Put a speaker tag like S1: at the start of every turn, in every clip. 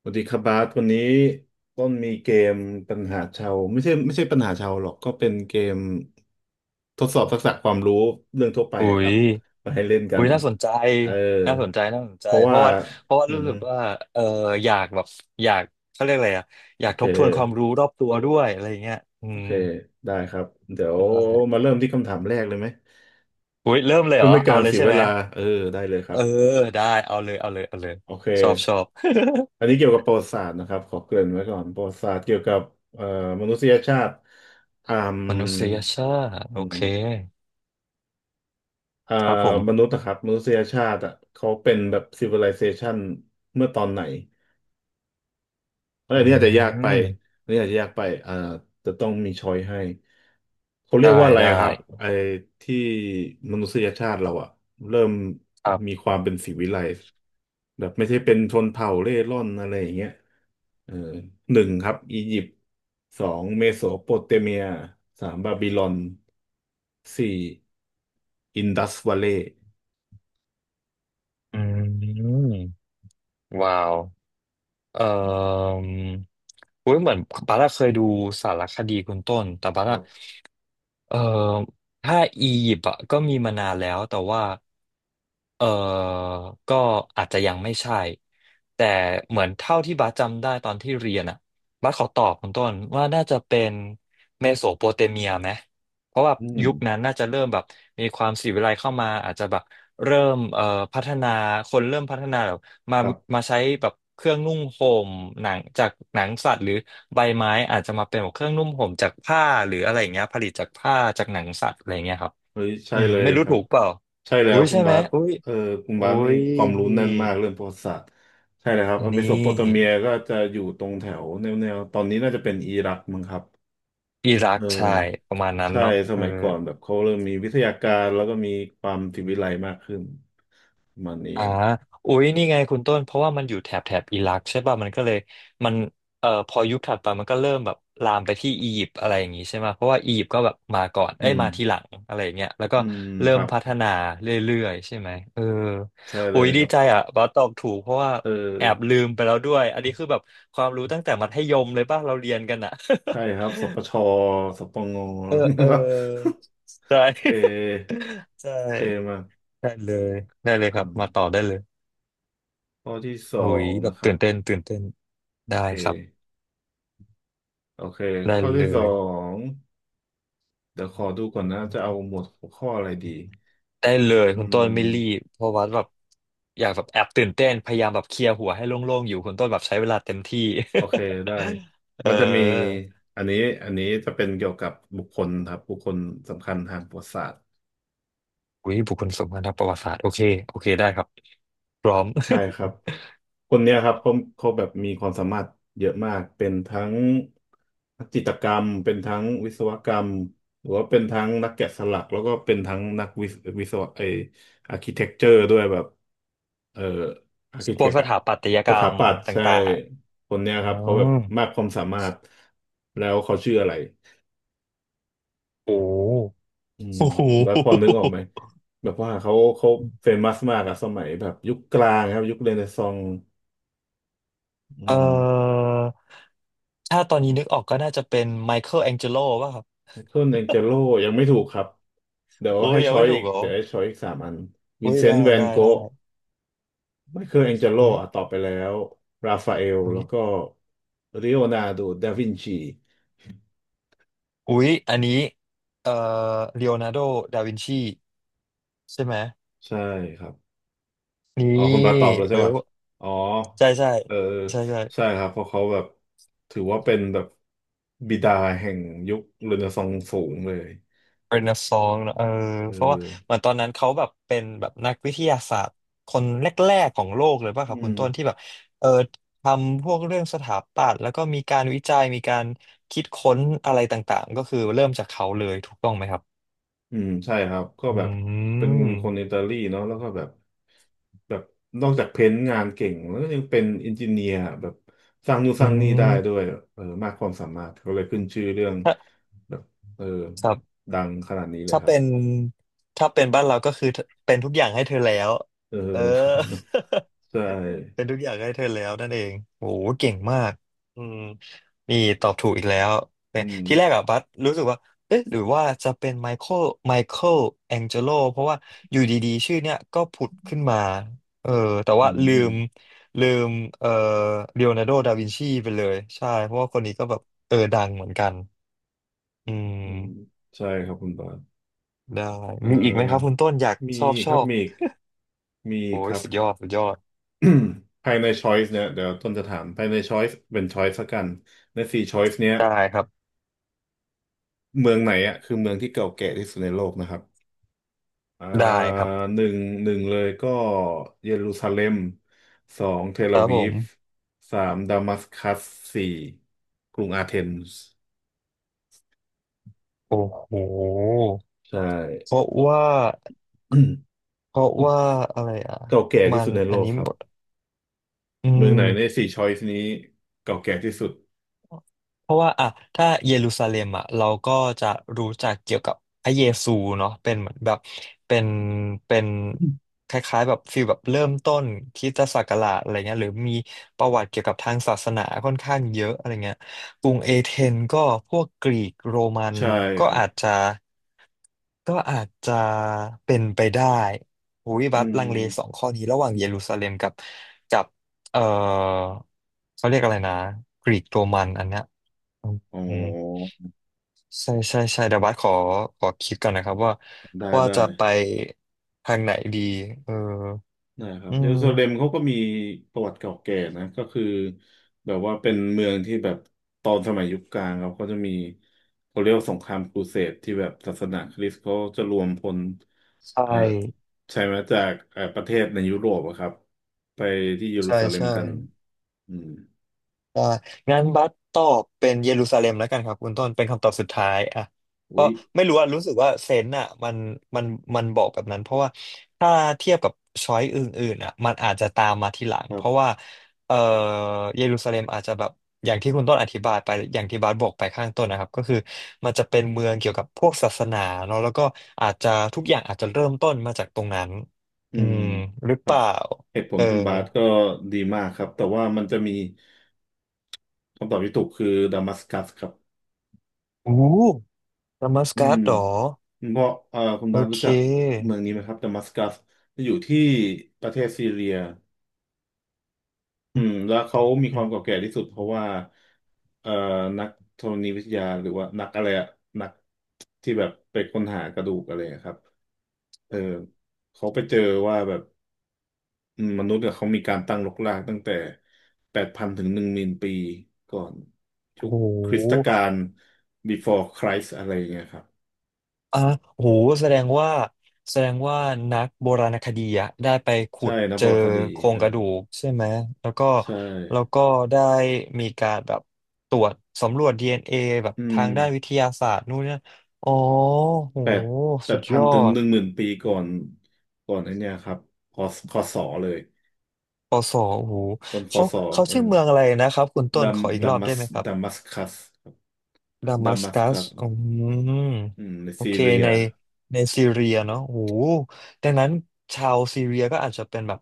S1: สวัสดีครับบาสวันนี้ต้นมีเกมปัญหาชาวไม่ใช่ปัญหาชาวหรอกก็เป็นเกมทดสอบทักษะความรู้เรื่องทั่วไป
S2: อุ้
S1: อะครั
S2: ย
S1: บมาให้เล่นกั
S2: อุ้
S1: น
S2: ยน่าสนใจ
S1: เออ
S2: น่าสนใจน่าสน
S1: เพ
S2: ใจ
S1: ราะ
S2: เพ
S1: ว่า
S2: ราะว่าเพราะว่า
S1: อื
S2: รู้
S1: ม
S2: สึกว่าเอออยากแบบอยากเขาเรียกอะไรอะอ
S1: โอ
S2: ยาก
S1: เค
S2: ทบทวนความรู้รอบตัวด้วยอะไรอย่างเงี้ยอื
S1: โอ
S2: ม
S1: เคได้ครับเดี๋ยว
S2: ได้
S1: มาเริ่มที่คำถามแรกเลยไหม
S2: อุ้ยเริ่มเลยเห
S1: เพื่
S2: ร
S1: อ
S2: อ
S1: ไม่ให้
S2: เอา
S1: การ
S2: เลย
S1: เสีย
S2: ใช่
S1: เว
S2: ไหม
S1: ลาเออได้เลยค
S2: เอ
S1: รับ
S2: อได้เอาเลยเอาเลยเอาเลย
S1: โอเค
S2: ชอบชอบ
S1: อันนี้เกี่ยวกับประวัติศาสตร์นะครับขอเกริ่นไว้ก่อนประวัติศาสตร์เกี่ยวกับเอ่อมนุษยชาติอ่าม
S2: มนุษยชาติโอ
S1: อื
S2: เค
S1: ม อ่า
S2: ครับผม
S1: มนุษย์นะครับมนุษยชาติอ่ะเขาเป็นแบบ civilization เมื่อตอนไหนอะไร
S2: อื
S1: นี่อาจจะยากไป
S2: ม
S1: อันนี่อาจจะยากไปอ่าจะต้องมีช้อยให้เขาเรีย
S2: ได้
S1: กว่าอะไร
S2: ได้
S1: อะครับไอ้ที่มนุษยชาติเราอ่ะเริ่ม
S2: ครั
S1: มี
S2: บ
S1: ความเป็นสิวิไลซ์แบบไม่ใช่เป็นชนเผ่าเร่ร่อนอะไรอย่างเงี้ยเออหนึ่งครับอียิปต์สองเมโสโปเตเมียสามบาบิลอนสี่อินดัสวัลเลย์
S2: อืมว้าวเอ่ออุ้ยเหมือนบาร่าเคยดูสารคดีคุณต้นแต่บา
S1: ค
S2: ร่า
S1: รับ
S2: เอ่อถ้าอียิปต์อะก็มีมานานแล้วแต่ว่าเออก็อาจจะยังไม่ใช่แต่เหมือนเท่าที่บัสจำได้ตอนที่เรียนอ่ะบัสขอตอบคุณต้นว่าน่าจะเป็นเมโสโปเตเมียไหมเพราะว่า
S1: อืม
S2: ยุคนั้นน่าจะเริ่มแบบมีความศิลวิไลเข้ามาอาจจะแบบเริ่มพัฒนาคนเริ่มพัฒนาแบบมา
S1: ครับ
S2: มาใช้แบบเครื่องนุ่งห่มหนังจากหนังสัตว์หรือ ใบไม้อาจจะมาเป็นแบบเครื่องนุ่มห่มจากผ้าหรืออะไรอย่างเงี้ยผลิตจากผ้าจากหนังสัตว์อะไรอย่างเงี้ยครับ
S1: เฮ้ยใช่
S2: อืม
S1: เลย
S2: ไม่รู้
S1: ครั
S2: ถู
S1: บ
S2: กเปล่า
S1: ใช่แล้
S2: อุ้
S1: ว
S2: ย
S1: คุ
S2: ใช่
S1: ณ
S2: ไหม
S1: บาส
S2: อุ้ย
S1: เออคุณ
S2: อุ้
S1: บาสนี่
S2: ย
S1: ความรู้
S2: นี่
S1: แน่นมากเรื่องประวัติศาสตร์ใช่เลยครับ
S2: นี
S1: เมโสโปเตเมีย
S2: ่
S1: ก็จะอยู่ตรงแถวแนวๆตอนนี้น่าจะเป็นอิรักมั้งครับ
S2: อิรั
S1: เอ
S2: ก
S1: อ
S2: ใช่ประมาณนั้น
S1: ใช่
S2: เนาะ
S1: ส
S2: เออ
S1: มัยก่อนแบบเขาเริ่มมีวิทยาการแล้วก็มีความศิวิไลซ์มากขึ้นประมันนี้
S2: อ่าอุ๊ยนี่ไงคุณต้น เพราะว่ามันอยู่แถบแถบอิรักใช่ป่ะมันก็เลยมันพอยุคถัดไปมันก็เริ่มแบบลามไปที่อียิปต์อะไรอย่างงี้ใช่ไหมเพราะว่าอียิปต์ก็แบบมาก่อน
S1: อื
S2: เอ้ย
S1: ม
S2: มาทีหลังอะไรอย่างเงี้ยแล้วก็
S1: อืม
S2: เริ่
S1: ค
S2: ม
S1: รับ
S2: พัฒนาเรื่อยๆใช่ไหมเออ
S1: ใช่เล
S2: อุ๊
S1: ย
S2: ย
S1: ค
S2: ดี
S1: รับ
S2: ใจอ่ะว่าตอบถูกเพราะว่า
S1: เออ
S2: แอบลืมไปแล้วด้วย อันนี้คือแบบความรู้ตั้งแต่มัธยมเลยป่ะเราเรียนกันอ่ะ
S1: ใช่ครับสปชสปง
S2: เออเออ
S1: ครับ
S2: ใช่
S1: โอเค
S2: ใช่
S1: โอเคมา
S2: ได้เลยได้เลยค
S1: อื
S2: รับ
S1: ม
S2: มาต่อได้เลย
S1: ข้อที่สอ
S2: หุย
S1: ง
S2: แบ
S1: นะ
S2: บ
S1: ครั
S2: ตื่
S1: บ
S2: นเต้นตื่นเต้น
S1: โอ
S2: ได้
S1: เค
S2: ครับ
S1: โอเค
S2: ได้
S1: ข้อ
S2: เล
S1: ที่สอ
S2: ย
S1: งเดี๋ยวขอดูก่อนนะจะเอาหมวดหัวข้ออะไรดี
S2: ได้เลย
S1: อื
S2: คุณต้น
S1: ม
S2: ไม่รีบเพราะว่าแบบอยากแบบแอบตื่นเต้นพยายามแบบเคลียร์หัวให้โล่งๆอยู่คุณต้นแบบใช้เวลาเต็มที่
S1: โอเคได้
S2: เอ
S1: มันจะมี
S2: อ
S1: อันนี้อันนี้จะเป็นเกี่ยวกับบุคคลครับบุคคลสำคัญทางประวัติศาสตร์
S2: หุยบุคคลสำคัญทางประวัติศาสตร์โอเคโอเคได้ครับพร้อม
S1: ใช่ครับ คนเนี้ยครับเขาแบบมีความสามารถเยอะมากเป็นทั้งนักจิตรกรรมเป็นทั้งวิศวกรรมหรือว่าเป็นทั้งนักแกะสลักแล้วก็เป็นทั้งนักวิศวิศวะไออาร์คิเทคเจอร์ด้วยแบบเอ่ออาร์คิ
S2: พ
S1: เท
S2: วก
S1: ค
S2: ส
S1: อะ
S2: ถาปัตย
S1: ส
S2: กร
S1: ถา
S2: รม
S1: ปัตย์
S2: ต
S1: ใช่
S2: ่าง
S1: คนเนี้
S2: ๆ
S1: ยค
S2: อ๋
S1: รับ
S2: อ
S1: เขาแบบมากความสามารถแล้วเขาชื่ออะไร
S2: โอ
S1: อืม
S2: ้โห
S1: แล้วพอนึกออกไหมแบบว่าเขาเฟมัสมากอะสมัยแบบยุคกลางครับยุคเรเนซองส์อื
S2: เอ่อ
S1: ม
S2: ถ้าตอนนี้นึกออกก็น่าจะเป็นไมเคิลแองเจโลป่ะครับ
S1: ไมเคิลแองเจโลยังไม่ถูกครับเดี๋ยว
S2: โอ้ย
S1: ให้
S2: ยัง
S1: ช้อ
S2: ไม่
S1: ย
S2: ถู
S1: อี
S2: ก
S1: ก
S2: เหรอ
S1: เดี๋ยวให้ช้อยอีกสามอันวิ
S2: อุ้
S1: น
S2: ย
S1: เซ
S2: ได้
S1: นต์แวน
S2: ได้ได้
S1: โกะไมเคิลแองเจโล
S2: อุ้ย
S1: อ่ะตอบไปแล้วราฟาเอล
S2: อุ้
S1: แล้
S2: ย
S1: วก็ลีโอนาร์โดดาวินชี
S2: อุ้ยอันนี้ เอ่อเลโอนาร์โดดาวินชีใช่ไหม
S1: ใช่ครับอ๋อ
S2: นี่
S1: คุณบาตอบแล้ว
S2: เอ
S1: ใช่
S2: อ
S1: ป่ะอ๋อ
S2: ใช่ใช่
S1: เออ
S2: ใช่ใช่
S1: ใช่ครับเพราะเขาแบบถือว่าเป็นแบบบิดาแห่งยุคเรเนซองส์สูงเลย
S2: เป็นนักสองเนอะเออ
S1: เออ
S2: เพราะว่าเหมือนตอนนั้นเขาแบบเป็นแบบนักวิทยาศาสตร์คนแรกๆของโลกเลยป่ะค
S1: อื
S2: รับคุ
S1: ม
S2: ณต้นที่แบบเออทำพวกเรื่องสถาปัตย์แล้วก็มีการวิจัยมีการคิดค้นอะไรต่างๆก็คือเริ่มจากเขาเลยถูกต้องไหมครับ
S1: อืมใช่ครับก็
S2: อื
S1: แบบเป็น
S2: ม
S1: คนอิตาลีเนาะแล้วก็แบบแบบนอกจากเพ้นท์งานเก่งแล้วก็ยังเป็นอินจิเนียร์แบบสร้างนู่น
S2: อื
S1: สร้างนี่ได้ด้วย
S2: ม
S1: เออมากความสามารถเขาเลยขึ้นชื่อเรื่อง
S2: ถ้า
S1: แบบเออ
S2: ครับ
S1: ดังขนาดนี้เลย
S2: ถ้า
S1: ครับ
S2: เป็นถ้าเป็นบ้านเราก็คือเป็นทุกอย่างให้เธอแล้ว
S1: เออ
S2: เออ
S1: ใช่
S2: เป็นทุกอย่างให้เธอแล้วนั่นเองโอ้โหเก่งมากอืมนี่ตอบถูกอีกแล้วเนี่
S1: อื
S2: ย
S1: ม
S2: ที่แรกอะบัสรู้สึกว่าเอ๊ะหรือว่าจะเป็นไมเคิลแองเจโลเพราะว่าอยู่ดีๆชื่อเนี้ยก็ผุดขึ้นมาเออแต่
S1: อื
S2: ว่า
S1: ม
S2: ลืมเอ่อเลโอนาร์โดดาวินชีไปเลยใช่เพราะว่าคนนี้ก็แบบเออดังเหมือนกันอื
S1: อืม
S2: ม
S1: ใช่ครับคุณบาส
S2: ได้
S1: เอ
S2: มีอีกไหมครับ
S1: อ
S2: คุณต้นอยาก
S1: มี
S2: ชอบช
S1: ครั
S2: อ
S1: บ
S2: บ
S1: มีอีกมีอีก
S2: โอ้
S1: ค
S2: ย
S1: รับ
S2: สุดยอดสุดยอด
S1: ภายในช้อยส์เนี่ยเดี๋ยวต้นจะถามภายในช้อยส์เป็นช้อยส์ละกันในสี่ช้อยส์เนี้ย
S2: ได้ครับ
S1: เมืองไหนอ่ะคือเมืองที่เก่าแก่ที่สุดในโลกนะครับอ่า
S2: ได้ครับ
S1: หนึ่งหนึ่งเลยก็เยรูซาเล็มสองเทล
S2: ค
S1: อา
S2: รับ
S1: วี
S2: ผ
S1: ฟ
S2: ม
S1: สามดามัสกัสสี่กรุงอาเทนส์
S2: โอ้โห
S1: ใช่
S2: เพราะว่าเพราะว่าอะไรอ่ะ
S1: เก่าแก่
S2: มั
S1: ที่
S2: น
S1: สุดใน
S2: อั
S1: โล
S2: น
S1: ก
S2: นี้
S1: ครั
S2: หม
S1: บ
S2: ดอื
S1: เมืองไหนใน
S2: ม
S1: สี่ช้อยส์นี้เก่าแก่ที่สุด
S2: เพราะว่าอ่ะถ้าเยรูซาเล็มอ่ะเราก็จะรู้จักเกี่ยวกับพระเยซูเนาะเป็นเหมือนแบบเป็นเป็นคล้ายๆแบบฟีลแบบเริ่มต้นคริสตศักราชอะไรเงี้ยหรือมีประวัติเกี่ยวกับทางศาสนาค่อนข้างเยอะอะไรเงี้ยกรุงเอเธนก็พวกกรีกโรมัน
S1: ใช่
S2: ก็
S1: ครับ
S2: อาจจะ ก็อาจจะเป็นไปได้หิย
S1: อื
S2: บัตลังเลสอง
S1: ม
S2: ข้อนี้ระหว่างเยรูซาเล็มกับกับเออเขาเรียกอะไรนะกรีกโรมันอันเนี้ยอืม
S1: อ๋
S2: อืม
S1: อ
S2: ใช่ใช่ใช่เดี๋ยวบัสขอคิดก่อนนะครับว่า
S1: ได้ได้
S2: จะไปทางไหนดีเออ
S1: นะครับ
S2: อื
S1: เยรู
S2: ม
S1: ซาเล็มเขาก็มีประวัติเก่าแก่นะก็คือแบบว่าเป็นเมืองที่แบบตอนสมัยยุคกลางเขาก็จะมีเขาเรียกว่าสงครามครูเสดที่แบบศาสนาคริสต์เขาจะรวมพล
S2: ใช่
S1: เอ่อใช่ไหมจากประเทศในยุโรปอะครับไปที่เยรู
S2: ใช่
S1: ซาเล็ม
S2: ใช่
S1: กันอืม
S2: อ่างั้นบัสตอบเป็นเยรูซาเล็มแล้วกันครับคุณต้นเป็นคำตอบสุดท้ายอ่ะก็
S1: อุ๊ย
S2: ไม่รู้อ่ะรู้สึกว่าเซนส์อ่ะมันมันบอกแบบนั้นเพราะว่าถ้าเทียบกับช้อยอื่นๆอ่ะมันอาจจะตามมาทีหลัง
S1: ครั
S2: เพราะว่า
S1: บ
S2: เอ่อเยรูซาเล็มอาจจะแบบอย่างที่คุณต้นอธิบายไปอย่างที่บาสบอกไปข้างต้นนะครับก็คือมันจะเป็นเมืองเกี่ยวกับพวกศาสนาเนาะแล้วก็อาจจะทุกอย่างอาจจะเริ่มต้นมาจากตรงนั้น
S1: อื
S2: อื
S1: ม
S2: มหรือ
S1: ค
S2: เป
S1: รับ
S2: ล่า
S1: เหตุผ
S2: เอ
S1: ล
S2: อ
S1: คุณบาสก็ดีมากครับแต่ว่ามันจะมีคำตอบที่ถูกคือดามัสกัสครับ
S2: โอู้ดัมัส
S1: อื
S2: กัส
S1: ม
S2: เหรอ
S1: เพราะคุณ
S2: โอ
S1: บาสรู้
S2: เค
S1: จักเมืองนี้ไหมครับดามัสกัสอยู่ที่ประเทศซีเรียอื
S2: อืม
S1: มแล้วเขามี
S2: อื
S1: ควา
S2: ม
S1: มเก่าแก่ที่สุดเพราะว่าเอ่อนักธรณีวิทยาหรือว่านักอะไรอะนักที่แบบไปค้นหากระดูกอะไรอะครับเออเขาไปเจอว่าแบบอืมมนุษย์เนี่ยเขามีการตั้งรกรากตั้งแต่แปดพันถึงหนึ่งหมื่นปีก่อนยุ
S2: โอ้
S1: ค
S2: โห
S1: คริสตกาล before Christ อะไรอย่างเงี้ยครับ
S2: อ่ะโอ้โหแสดงว่า แสดงว่านักโบราณคดีอะได้ไปขุ
S1: ใช่
S2: ด
S1: นะ
S2: เจ
S1: โบ
S2: อ
S1: ราณคดี
S2: โคร
S1: เอ
S2: ง
S1: อ
S2: กระดูกใช่ไหม แล้วก็
S1: ใช่
S2: แล้วก็ได้มีการแบบตรวจสำรวจ DNA แบบ
S1: อื
S2: ทา
S1: ม
S2: งด้านวิทยาศาสตร์นู่นเนี่ย อ๋อโห
S1: แปดแป
S2: สุ
S1: ด
S2: ดย
S1: พัน
S2: อ
S1: ถึง
S2: ด
S1: หนึ่งหมื่นปีก่อนก่อนไอ้เนี่ยครับคอคอสอเลย
S2: ปอสอโอ้โห
S1: ต้นคอ
S2: เขา
S1: สอ
S2: เขา
S1: เออ
S2: ชื่อเมืองอะไรนะครับ คุณต้
S1: ดั
S2: นข
S1: ม
S2: ออีก
S1: ดั
S2: รอบ
S1: มั
S2: ได้
S1: ส
S2: ไหมครับ
S1: ดัมัสคัสครับ
S2: ดา
S1: ดั
S2: มัส
S1: มัส
S2: กั
S1: คั
S2: ส
S1: ส
S2: อืม
S1: อืมใน
S2: โอ
S1: ซี
S2: เค
S1: เรีย
S2: ในในซีเรียเนาะโอ้โหดังนั้นชาวซีเรียก็อาจจะเป็นแบบ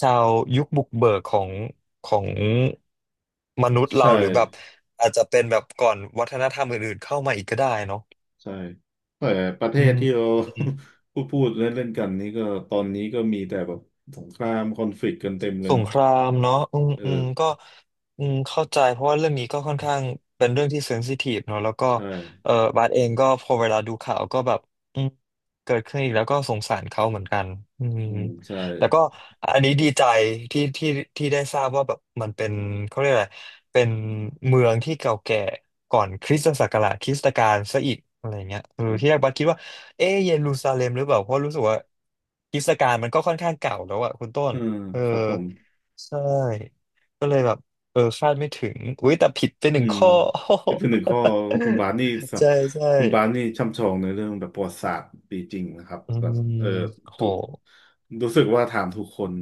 S2: ชาวยุคบุกเบิกของมนุษย์
S1: ใช่
S2: เราหรือแบบอาจจะเป็นแบบก่อนวัฒนธรรมอื่นๆเข้ามาอีกก็ได้เนาะ
S1: ใช่แต่ประเท
S2: อื
S1: ศ
S2: ม
S1: ที่เรา พูดเล่นเล่นกันนี่ก็ตอนนี้ก็มีแต่แบบสงครามคอนฟ lict กต์กันเต็มเลย
S2: สง
S1: เนาะ
S2: ครามเนาะอืม
S1: เอ
S2: อืม
S1: อ
S2: ก็อืมเข้าใจเพราะว่าเรื่องนี้ก็ค่อนข้างเป็นเรื่องที่เซนซิทีฟเนาะแล้วก็
S1: ใช่
S2: เออบาสเองก็พอเวลาดูข่าวก็แบบอืมเกิดขึ้นอีกแล้วก็สงสารเขาเหมือนกันอืม
S1: อืมใช่
S2: แต่ก็อันนี้ดีใจที่ที่ที่ได้ทราบว่าแบบมันเป็นเขาเรียกอะไรเป็นเมืองที่เก่าแก่ก่อนคริสตศักราชคริสตกาลซะอีกอะไรเงี้ยเอ
S1: ค
S2: อ
S1: รั
S2: ที่แรก
S1: บ
S2: บัสคิดว่าเอ๊ะเยรูซาเล็มหรือเปล่าเพราะรู้สึกว่าคริสตกาลมันก็ค่อนข้างเก่าแล้วอะคุณต้น
S1: อืม
S2: เออ
S1: ครับผม
S2: ใช่ก็เลยแบบเออคาดไม่ถึงอุ้ยแต่ผิดไปห
S1: อื
S2: นึ่ง
S1: ม
S2: ข้อ
S1: เป็นหนึ่งข้อคุณบาสนี่สั บ
S2: ใช่ใช่
S1: คุณบาสนี่ช่ำชองในเรื่องแบบประวัติศาสตร์ดีจริงนะครับ
S2: อื
S1: แบบ
S2: ม
S1: เออ
S2: โห
S1: ถูกรู้สึกว่าถามถูกคน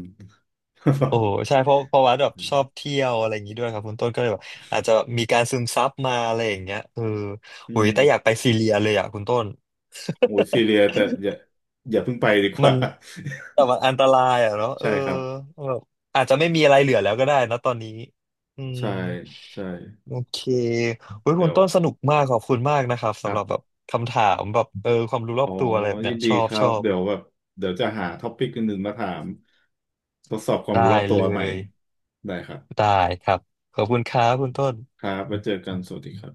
S2: โอ้ใช่เพราะวัดแบบ
S1: อื
S2: ช
S1: ม
S2: อบเที่ยวอะไรอย่างนี้ด้วยครับคุณต้นก็เลยแบบอาจจะมีการซึมซับมาอะไรอย่างเงี้ยเออ
S1: อื
S2: อุ้ย
S1: ม
S2: แต่อยากไปซีเรียเลยอ่ะคุณต้น
S1: โอ้ยซีเรียแต่อย่าอย่าเพิ่งไปดี ก
S2: มั
S1: ว่า
S2: นแต่มันอันตรายอ่ะเนาะ เอ
S1: ใช่
S2: อ
S1: ครับ
S2: แบบอาจจะไม่มีอะไรเหลือแล้วก็ได้นะตอนนี้อืม
S1: ใช่ใช่
S2: โอเคเว้ย
S1: เดี๋
S2: คุณ
S1: ยว
S2: ต้นสนุกมากขอบคุณมากนะครับ
S1: ครั
S2: สำหรับแบ
S1: บ
S2: บคำถามแบบเออความรู้รอ
S1: อ๋อ
S2: บตัวอะไรแบบ
S1: ยิ
S2: เนี้
S1: น
S2: ย
S1: ดี
S2: ชอ
S1: ค
S2: บ
S1: รั
S2: ช
S1: บ
S2: อบ
S1: เดี๋ยวแบบเดี๋ยวจะหาท็อปิกอื่นๆมาถามทดสอบความรู้
S2: ได้
S1: รอบตัว
S2: เล
S1: ใหม่
S2: ย
S1: ได้ครับ
S2: ได้ครับขอบคุณครับคุณต้น
S1: ครับไว้เจอกันสวัสดีครับ